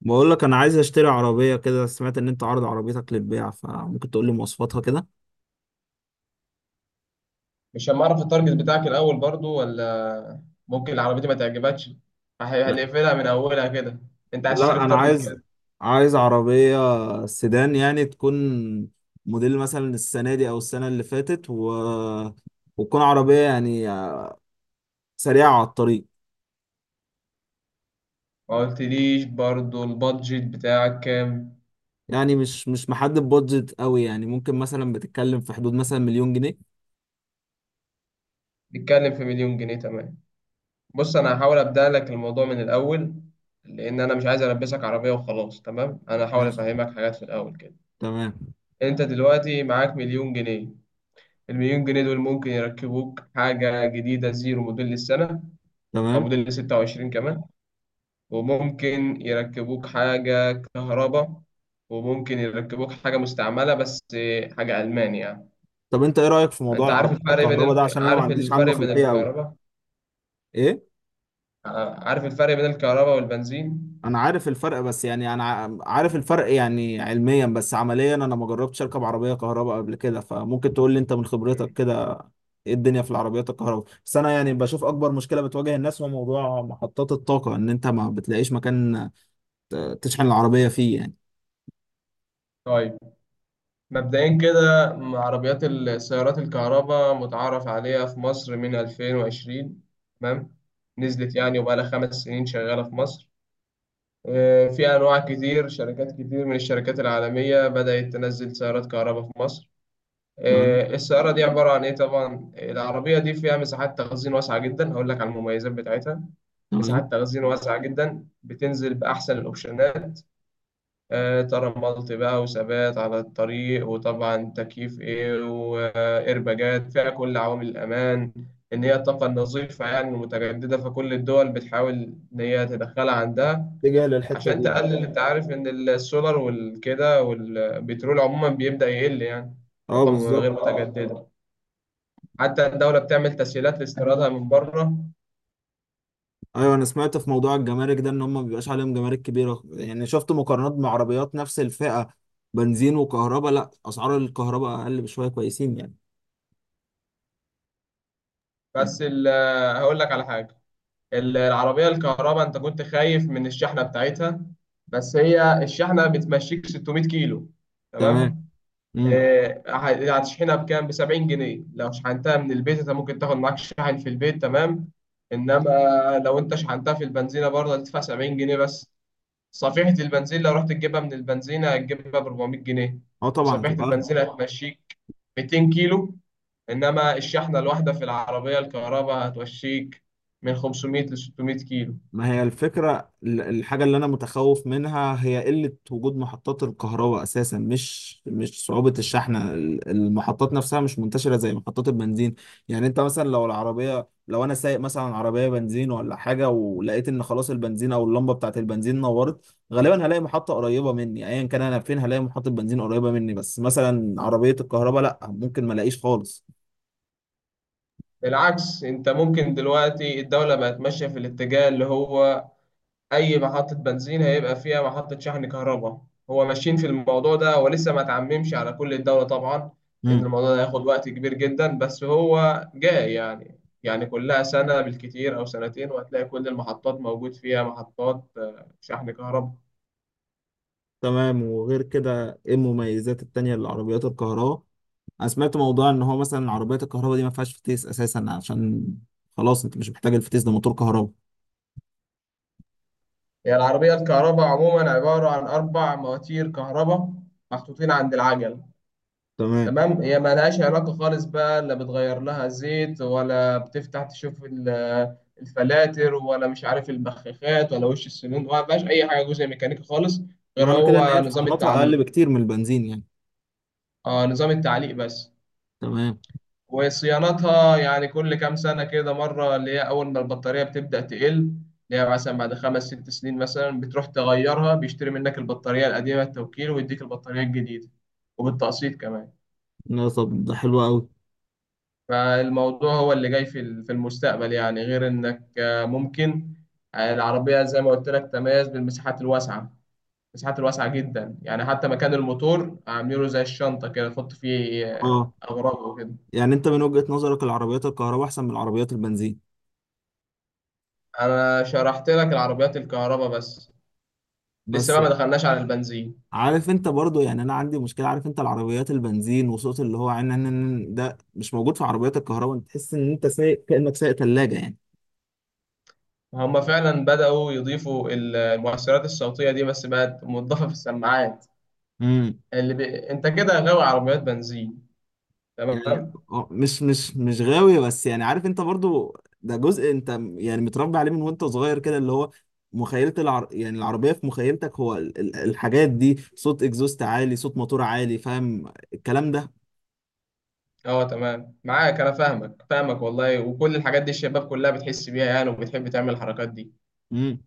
بقول لك انا عايز اشتري عربيه كده. سمعت ان انت عارض عربيتك للبيع، فممكن تقول لي مواصفاتها كده. مش هنعرف التارجت بتاعك الأول برضو، ولا ممكن العربية دي ما تعجبكش لا. هنقفلها من أولها كده. أنت عايز تشتري لا، في انا تارجت عايز. كام؟ عايز عربيه سيدان، يعني تكون موديل مثلا السنه دي او السنه اللي فاتت، و... وتكون عربيه يعني آه، سريعه على الطريق. ما قلتليش برضو البادجت بتاعك كام؟ يعني مش محدد بادجت قوي، يعني ممكن مثلا بتتكلم في حدود مثلا مليون جنيه. نتكلم في مليون جنيه. تمام. بص، أنا هحاول أبدأ لك الموضوع من الأول، لأن أنا مش عايز ألبسك عربية وخلاص. تمام. أنا هحاول ماشي. أفهمك حاجات في الأول كده. تمام. أنت دلوقتي معاك مليون جنيه. المليون جنيه دول ممكن يركبوك حاجة جديدة زيرو موديل السنة، أو تمام. موديل 26 كمان. وممكن يركبوك حاجة كهرباء، وممكن يركبوك حاجة مستعملة، بس حاجة ألماني يعني. طب انت ايه رايك في موضوع أنت عارف العربيات الفرق بين الكهرباء ده؟ عشان انا ما عارف عنديش عنه الفرق بين خلفيه قوي. الكهرباء، ايه؟ عارف الفرق بين الكهرباء والبنزين؟ انا عارف الفرق، بس يعني انا عارف الفرق يعني علميا، بس عمليا انا ما جربتش اركب عربيه كهرباء قبل كده، فممكن تقول لي انت من خبرتك مم. كده ايه الدنيا في العربيات الكهرباء. بس انا يعني بشوف اكبر مشكله بتواجه الناس هو موضوع محطات الطاقه، ان انت ما بتلاقيش مكان تشحن العربيه فيه يعني. طيب، مبدئيا كده، عربيات السيارات الكهرباء متعارف عليها في مصر من 2020. تمام. نزلت يعني، وبقالها 5 سنين شغالة في مصر. في أنواع كتير، شركات كتير من الشركات العالمية بدأت تنزل سيارات كهرباء في مصر. تمام. السيارة دي عبارة عن إيه طبعا؟ العربية دي فيها مساحات تخزين واسعة جدا، هقول لك على المميزات بتاعتها. تمام. مساحات تخزين واسعة جدا، بتنزل بأحسن الأوبشنات. ترملت بقى، وثبات على الطريق، وطبعا تكييف إيه، وإيرباجات، فيها كل عوامل الأمان. إن هي الطاقة النظيفة يعني المتجددة، فكل الدول بتحاول إن هي تدخلها عندها، اتجاه للحته عشان دي يعني. تقلل. أنت عارف إن السولار والكده والبترول عموما بيبدأ يقل يعني. اه طاقة غير بالظبط. متجددة. حتى الدولة بتعمل تسهيلات لاستيرادها من بره. ايوه انا سمعت في موضوع الجمارك ده ان هم ما بيبقاش عليهم جمارك كبيره، يعني شفت مقارنات مع عربيات نفس الفئه بنزين وكهرباء، لا اسعار الكهرباء اقل بشويه، كويسين يعني. بس هقول لك على حاجة. العربية الكهرباء، أنت كنت خايف من الشحنة بتاعتها، بس هي الشحنة بتمشيك 600 كيلو. تمام. تمام. امم. هتشحنها بكام؟ ب 70 جنيه لو شحنتها من البيت. أنت ممكن تاخد معاك شاحن في البيت. تمام. إنما لو أنت شحنتها في البنزينة برضه هتدفع 70 جنيه بس. صفيحة البنزين لو رحت تجيبها من البنزينة هتجيبها ب 400 جنيه. اه طبعا وصفيحة هتبقى اغلى. البنزين هتمشيك 200 كيلو، إنما الشحنة الواحدة في العربية الكهرباء هتوشيك من 500 ل 600 كيلو. ما هي الفكره الحاجه اللي انا متخوف منها هي قله وجود محطات الكهرباء اساسا، مش صعوبه الشحن، المحطات نفسها مش منتشره زي محطات البنزين. يعني انت مثلا لو العربيه، لو انا سايق مثلا عربيه بنزين ولا حاجه ولقيت ان خلاص البنزين او اللمبه بتاعه البنزين نورت، غالبا هلاقي محطه قريبه مني ايا كان انا فين، هلاقي محطه بنزين قريبه مني، بس مثلا عربيه الكهرباء لا، ممكن ما الاقيش خالص. بالعكس، انت ممكن دلوقتي الدولة بقت ماشية في الاتجاه اللي هو أي محطة بنزين هيبقى فيها محطة شحن كهرباء. هو ماشيين في الموضوع ده، ولسه ما تعممش على كل الدولة طبعا. إن الموضوع ده هياخد وقت كبير جدا، بس هو جاي يعني كلها سنة بالكتير أو سنتين، وهتلاقي كل المحطات موجود فيها محطات شحن كهرباء. تمام. وغير كده ايه المميزات التانية للعربيات الكهرباء؟ انا سمعت موضوع ان هو مثلا عربيات الكهرباء دي ما فيهاش فتيس اساسا، عشان خلاص انت مش محتاج الفتيس ده، موتور كهرباء. هي العربية الكهرباء عموما عبارة عن أربع مواتير كهرباء محطوطين عند العجل. تمام. تمام. هي ملهاش علاقة خالص بقى، لا بتغير لها زيت، ولا بتفتح تشوف الفلاتر، ولا مش عارف البخاخات، ولا وش السنون. ما فيهاش أي حاجة جزء ميكانيكي خالص، غير معنى كده ان هو هي نظام فصيلاتها اقل التعليق. بكتير من البنزين يعني. اه، نظام التعليق بس. تمام. وصيانتها يعني كل كام سنة كده مرة، اللي هي أول ما البطارية بتبدأ تقل، اللي هي مثلا بعد 5 6 سنين مثلا بتروح تغيرها، بيشتري منك البطارية القديمة التوكيل، ويديك البطارية الجديدة، وبالتقسيط كمان. لا طب ده حلو قوي. فالموضوع هو اللي جاي في في المستقبل يعني، غير إنك ممكن، العربية زي ما قلت لك تميز بالمساحات الواسعة، المساحات الواسعة جدا يعني، حتى مكان الموتور عامله زي الشنطة كده، تحط فيه اه. أغراض وكده. يعني انت من وجهة نظرك العربيات الكهرباء احسن من العربيات البنزين؟ أنا شرحت لك العربيات الكهرباء بس، لسه بس بقى ما دخلناش على البنزين. عارف انت برضو، يعني انا عندي مشكلة، عارف انت العربيات البنزين وصوت اللي هو ده مش موجود في عربيات الكهرباء، انت تحس ان انت سايق كأنك سايق ثلاجة يعني. هما فعلا بدأوا يضيفوا المؤثرات الصوتية دي، بس بقت مضافة في السماعات. امم. انت كده غاوي عربيات بنزين. يعني تمام. آه، مش غاوي، بس يعني عارف انت برضو ده جزء انت يعني متربي عليه من وانت صغير كده، اللي هو مخيلة يعني العربية في مخيلتك هو الحاجات دي، صوت اكزوست عالي، صوت موتور عالي، فاهم الكلام ده. اه تمام، معاك، انا فاهمك، فاهمك والله، وكل الحاجات دي الشباب كلها بتحس بيها يعني، وبتحب تعمل الحركات دي. امم.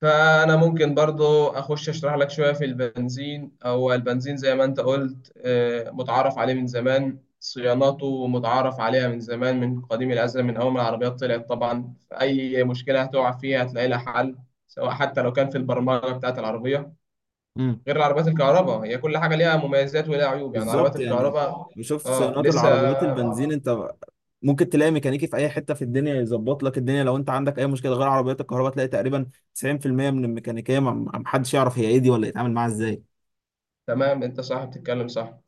فأنا ممكن برضو أخش أشرح لك شوية في البنزين. هو البنزين زي ما أنت قلت متعارف عليه من زمان، صياناته متعارف عليها من زمان، من قديم الأزل، من أول ما العربيات طلعت طبعا. أي مشكلة هتقع فيها هتلاقي لها حل، سواء حتى لو كان في البرمجة بتاعة العربية. امم. غير العربيات الكهرباء، هي كل حاجة ليها مميزات وليها عيوب يعني، عربيات بالظبط يعني. الكهرباء. بشوف آه صيانات لسه. العربيات البنزين انت ممكن تلاقي ميكانيكي في اي حتة في الدنيا يظبط لك الدنيا لو انت عندك اي مشكلة، غير عربيات الكهرباء تلاقي تقريبا 90% من الميكانيكية محدش يعرف هي ايه دي ولا يتعامل معاها ازاي. تمام. أنت صح، بتتكلم صح،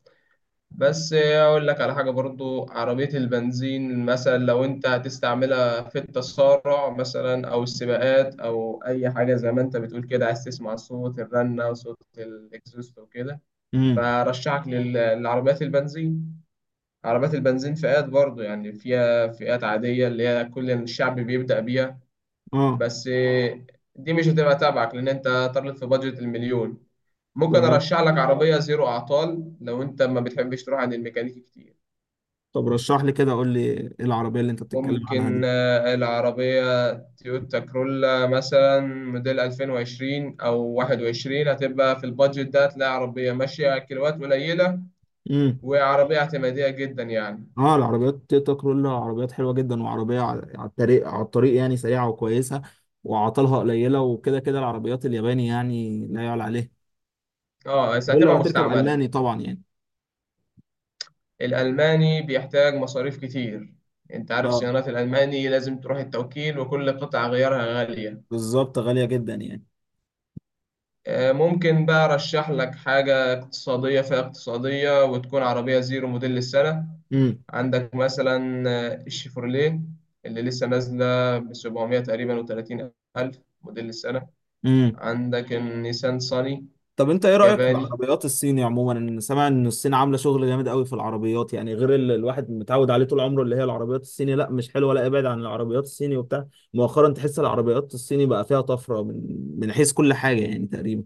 بس اقول لك على حاجه برضو. عربيه البنزين مثلا لو انت هتستعملها في التسارع مثلا، او السباقات، او اي حاجه زي ما انت بتقول كده، عايز تسمع صوت الرنه وصوت الاكزوست وكده، امم. فرشحك للعربيات البنزين. عربيات البنزين فئات برضو يعني، فيها فئات عاديه اللي هي كل الشعب بيبدا بيها، اه بس دي مش هتبقى تبعك، لان انت طالب في بادجت المليون. ممكن تمام. ارشح لك عربيه زيرو اعطال لو انت ما بتحبش تروح عند الميكانيكي كتير. طب رشح لي كده، قول لي ايه العربية اللي انت بتتكلم عنها ممكن دي. العربية تويوتا كرولا مثلا موديل 2020 أو 21 هتبقى في البادجت ده، هتلاقي عربية ماشية كيلوات قليلة، امم. وعربية اعتمادية جدا يعني. اه العربيات تويوتا كرولا عربيات حلوة جدا، وعربية على الطريق، على الطريق يعني سريعة وكويسة وعطلها قليلة، وكده كده العربيات الياباني يعني لا يعلى عليه. اه، بس دول لو هتبقى هتركب مستعملة. ألماني طبعا يعني. الألماني بيحتاج مصاريف كتير. انت عارف اه صيانات الألماني لازم تروح التوكيل، وكل قطعة غيارها غالية. بالظبط، غالية جدا يعني. ممكن بقى أرشح لك حاجة اقتصادية، فيها اقتصادية، وتكون عربية زيرو موديل السنة. عندك مثلا الشيفروليه اللي لسه نازلة ب 700 تقريبا و30 ألف موديل السنة. امم. عندك النيسان صاني طب انت ايه رأيك في ياباني. العربيات الصيني عموما؟ انا سامع ان الصين عاملة شغل جامد قوي في العربيات، يعني غير اللي الواحد متعود عليه طول عمره، اللي هي العربيات الصيني لا مش حلوة، لا ابعد عن العربيات الصيني وبتاع. مؤخرا تحس العربيات الصيني بقى فيها طفرة من حيث كل حاجة يعني تقريبا.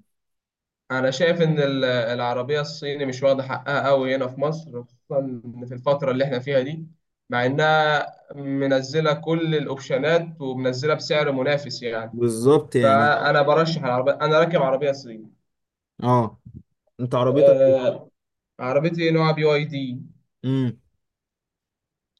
أنا شايف إن العربية الصيني مش واخدة حقها أوي هنا في مصر، خصوصا في الفترة اللي إحنا فيها دي، مع إنها منزلة كل الأوبشنات، ومنزلة بسعر منافس يعني. بالظبط يعني. فأنا برشح العربية. أنا راكب عربية صيني. اه. انت عربيتك ايه؟ آه، عربيتي نوع بي واي دي. امم.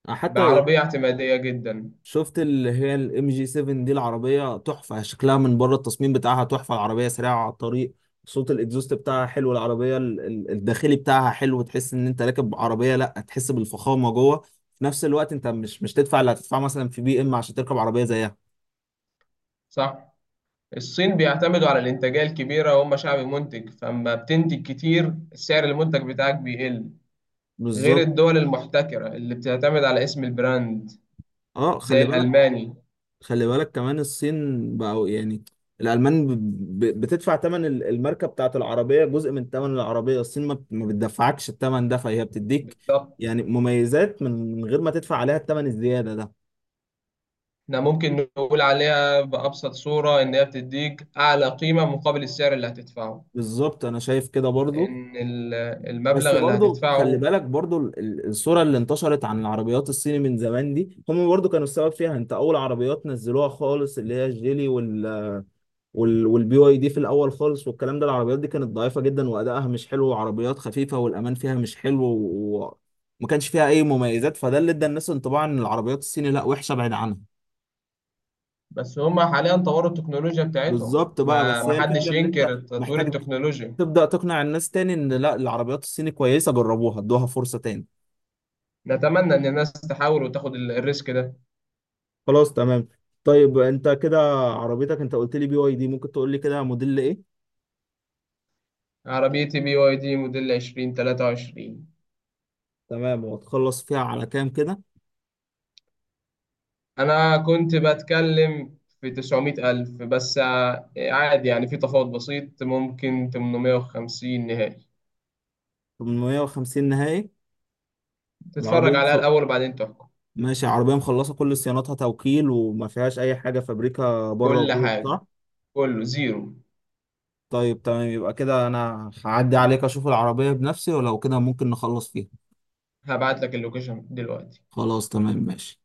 حتى بعربية اعتمادية جدا. شفت اللي هي الام جي 7 دي، العربية تحفة، شكلها من بره التصميم بتاعها تحفة، العربية سريعة على الطريق، صوت الاكزوست بتاعها حلو، العربية الداخلي بتاعها حلو، تحس ان انت راكب عربية، لا تحس بالفخامة جوه، في نفس الوقت انت مش تدفع اللي هتدفعه مثلا في بي ام عشان تركب عربية زيها. صح. الصين بيعتمدوا على الإنتاجية الكبيرة، وهم شعب منتج، فأما بتنتج كتير سعر المنتج بتاعك بيقل، غير بالظبط. الدول المحتكرة اللي بتعتمد على اسم البراند، اه زي خلي بالك. الألماني. خلي بالك كمان الصين بقوا يعني. الألمان بتدفع تمن الماركة بتاعت العربية جزء من تمن العربية، الصين ما بتدفعكش التمن ده، فهي بتديك بالضبط. يعني مميزات من غير ما تدفع عليها التمن الزيادة ده. احنا ممكن نقول عليها بأبسط صورة إن هي بتديك أعلى قيمة مقابل السعر اللي هتدفعه، بالظبط أنا شايف كده برضو. لأن بس المبلغ اللي برضو خلي هتدفعه. بالك برضو الصورة اللي انتشرت عن العربيات الصيني من زمان دي هم برضو كانوا السبب فيها. انت أول عربيات نزلوها خالص اللي هي الجيلي وال والبي واي دي في الاول خالص، والكلام ده العربيات دي كانت ضعيفه جدا وادائها مش حلو وعربيات خفيفه والامان فيها مش حلو وما كانش فيها اي مميزات، فده اللي ادى الناس انطباع ان العربيات الصيني لا وحشه بعيد عنها. بس هما حاليا طوروا التكنولوجيا بتاعتهم، بالظبط بقى، ما بس هي الفكره محدش ان انت ينكر تطوير محتاج التكنولوجيا. تبدا تقنع الناس تاني ان لا العربيات الصيني كويسه، جربوها، ادوها فرصه تاني. نتمنى إن الناس تحاول وتاخد الريسك ده. خلاص تمام. طيب انت كده عربيتك، انت قلت لي بي واي دي، ممكن تقول لي كده موديل ايه؟ عربيتي بي واي دي موديل 2023. تمام. وهتخلص فيها على كام كده؟ أنا كنت بتكلم في 900 ألف، بس عادي يعني في تفاوض بسيط ممكن 850 نهائي. 850 نهائي؟ تتفرج العربية عليها الأول وبعدين تحكم. ماشي، عربية مخلصة كل صياناتها توكيل، وما فيهاش أي حاجة فابريكا بره كل وجوه، حاجة صح؟ كله زيرو. طيب تمام. يبقى كده أنا هعدي عليك أشوف العربية بنفسي، ولو كده ممكن نخلص فيها. هبعت لك اللوكيشن دلوقتي. خلاص تمام، ماشي.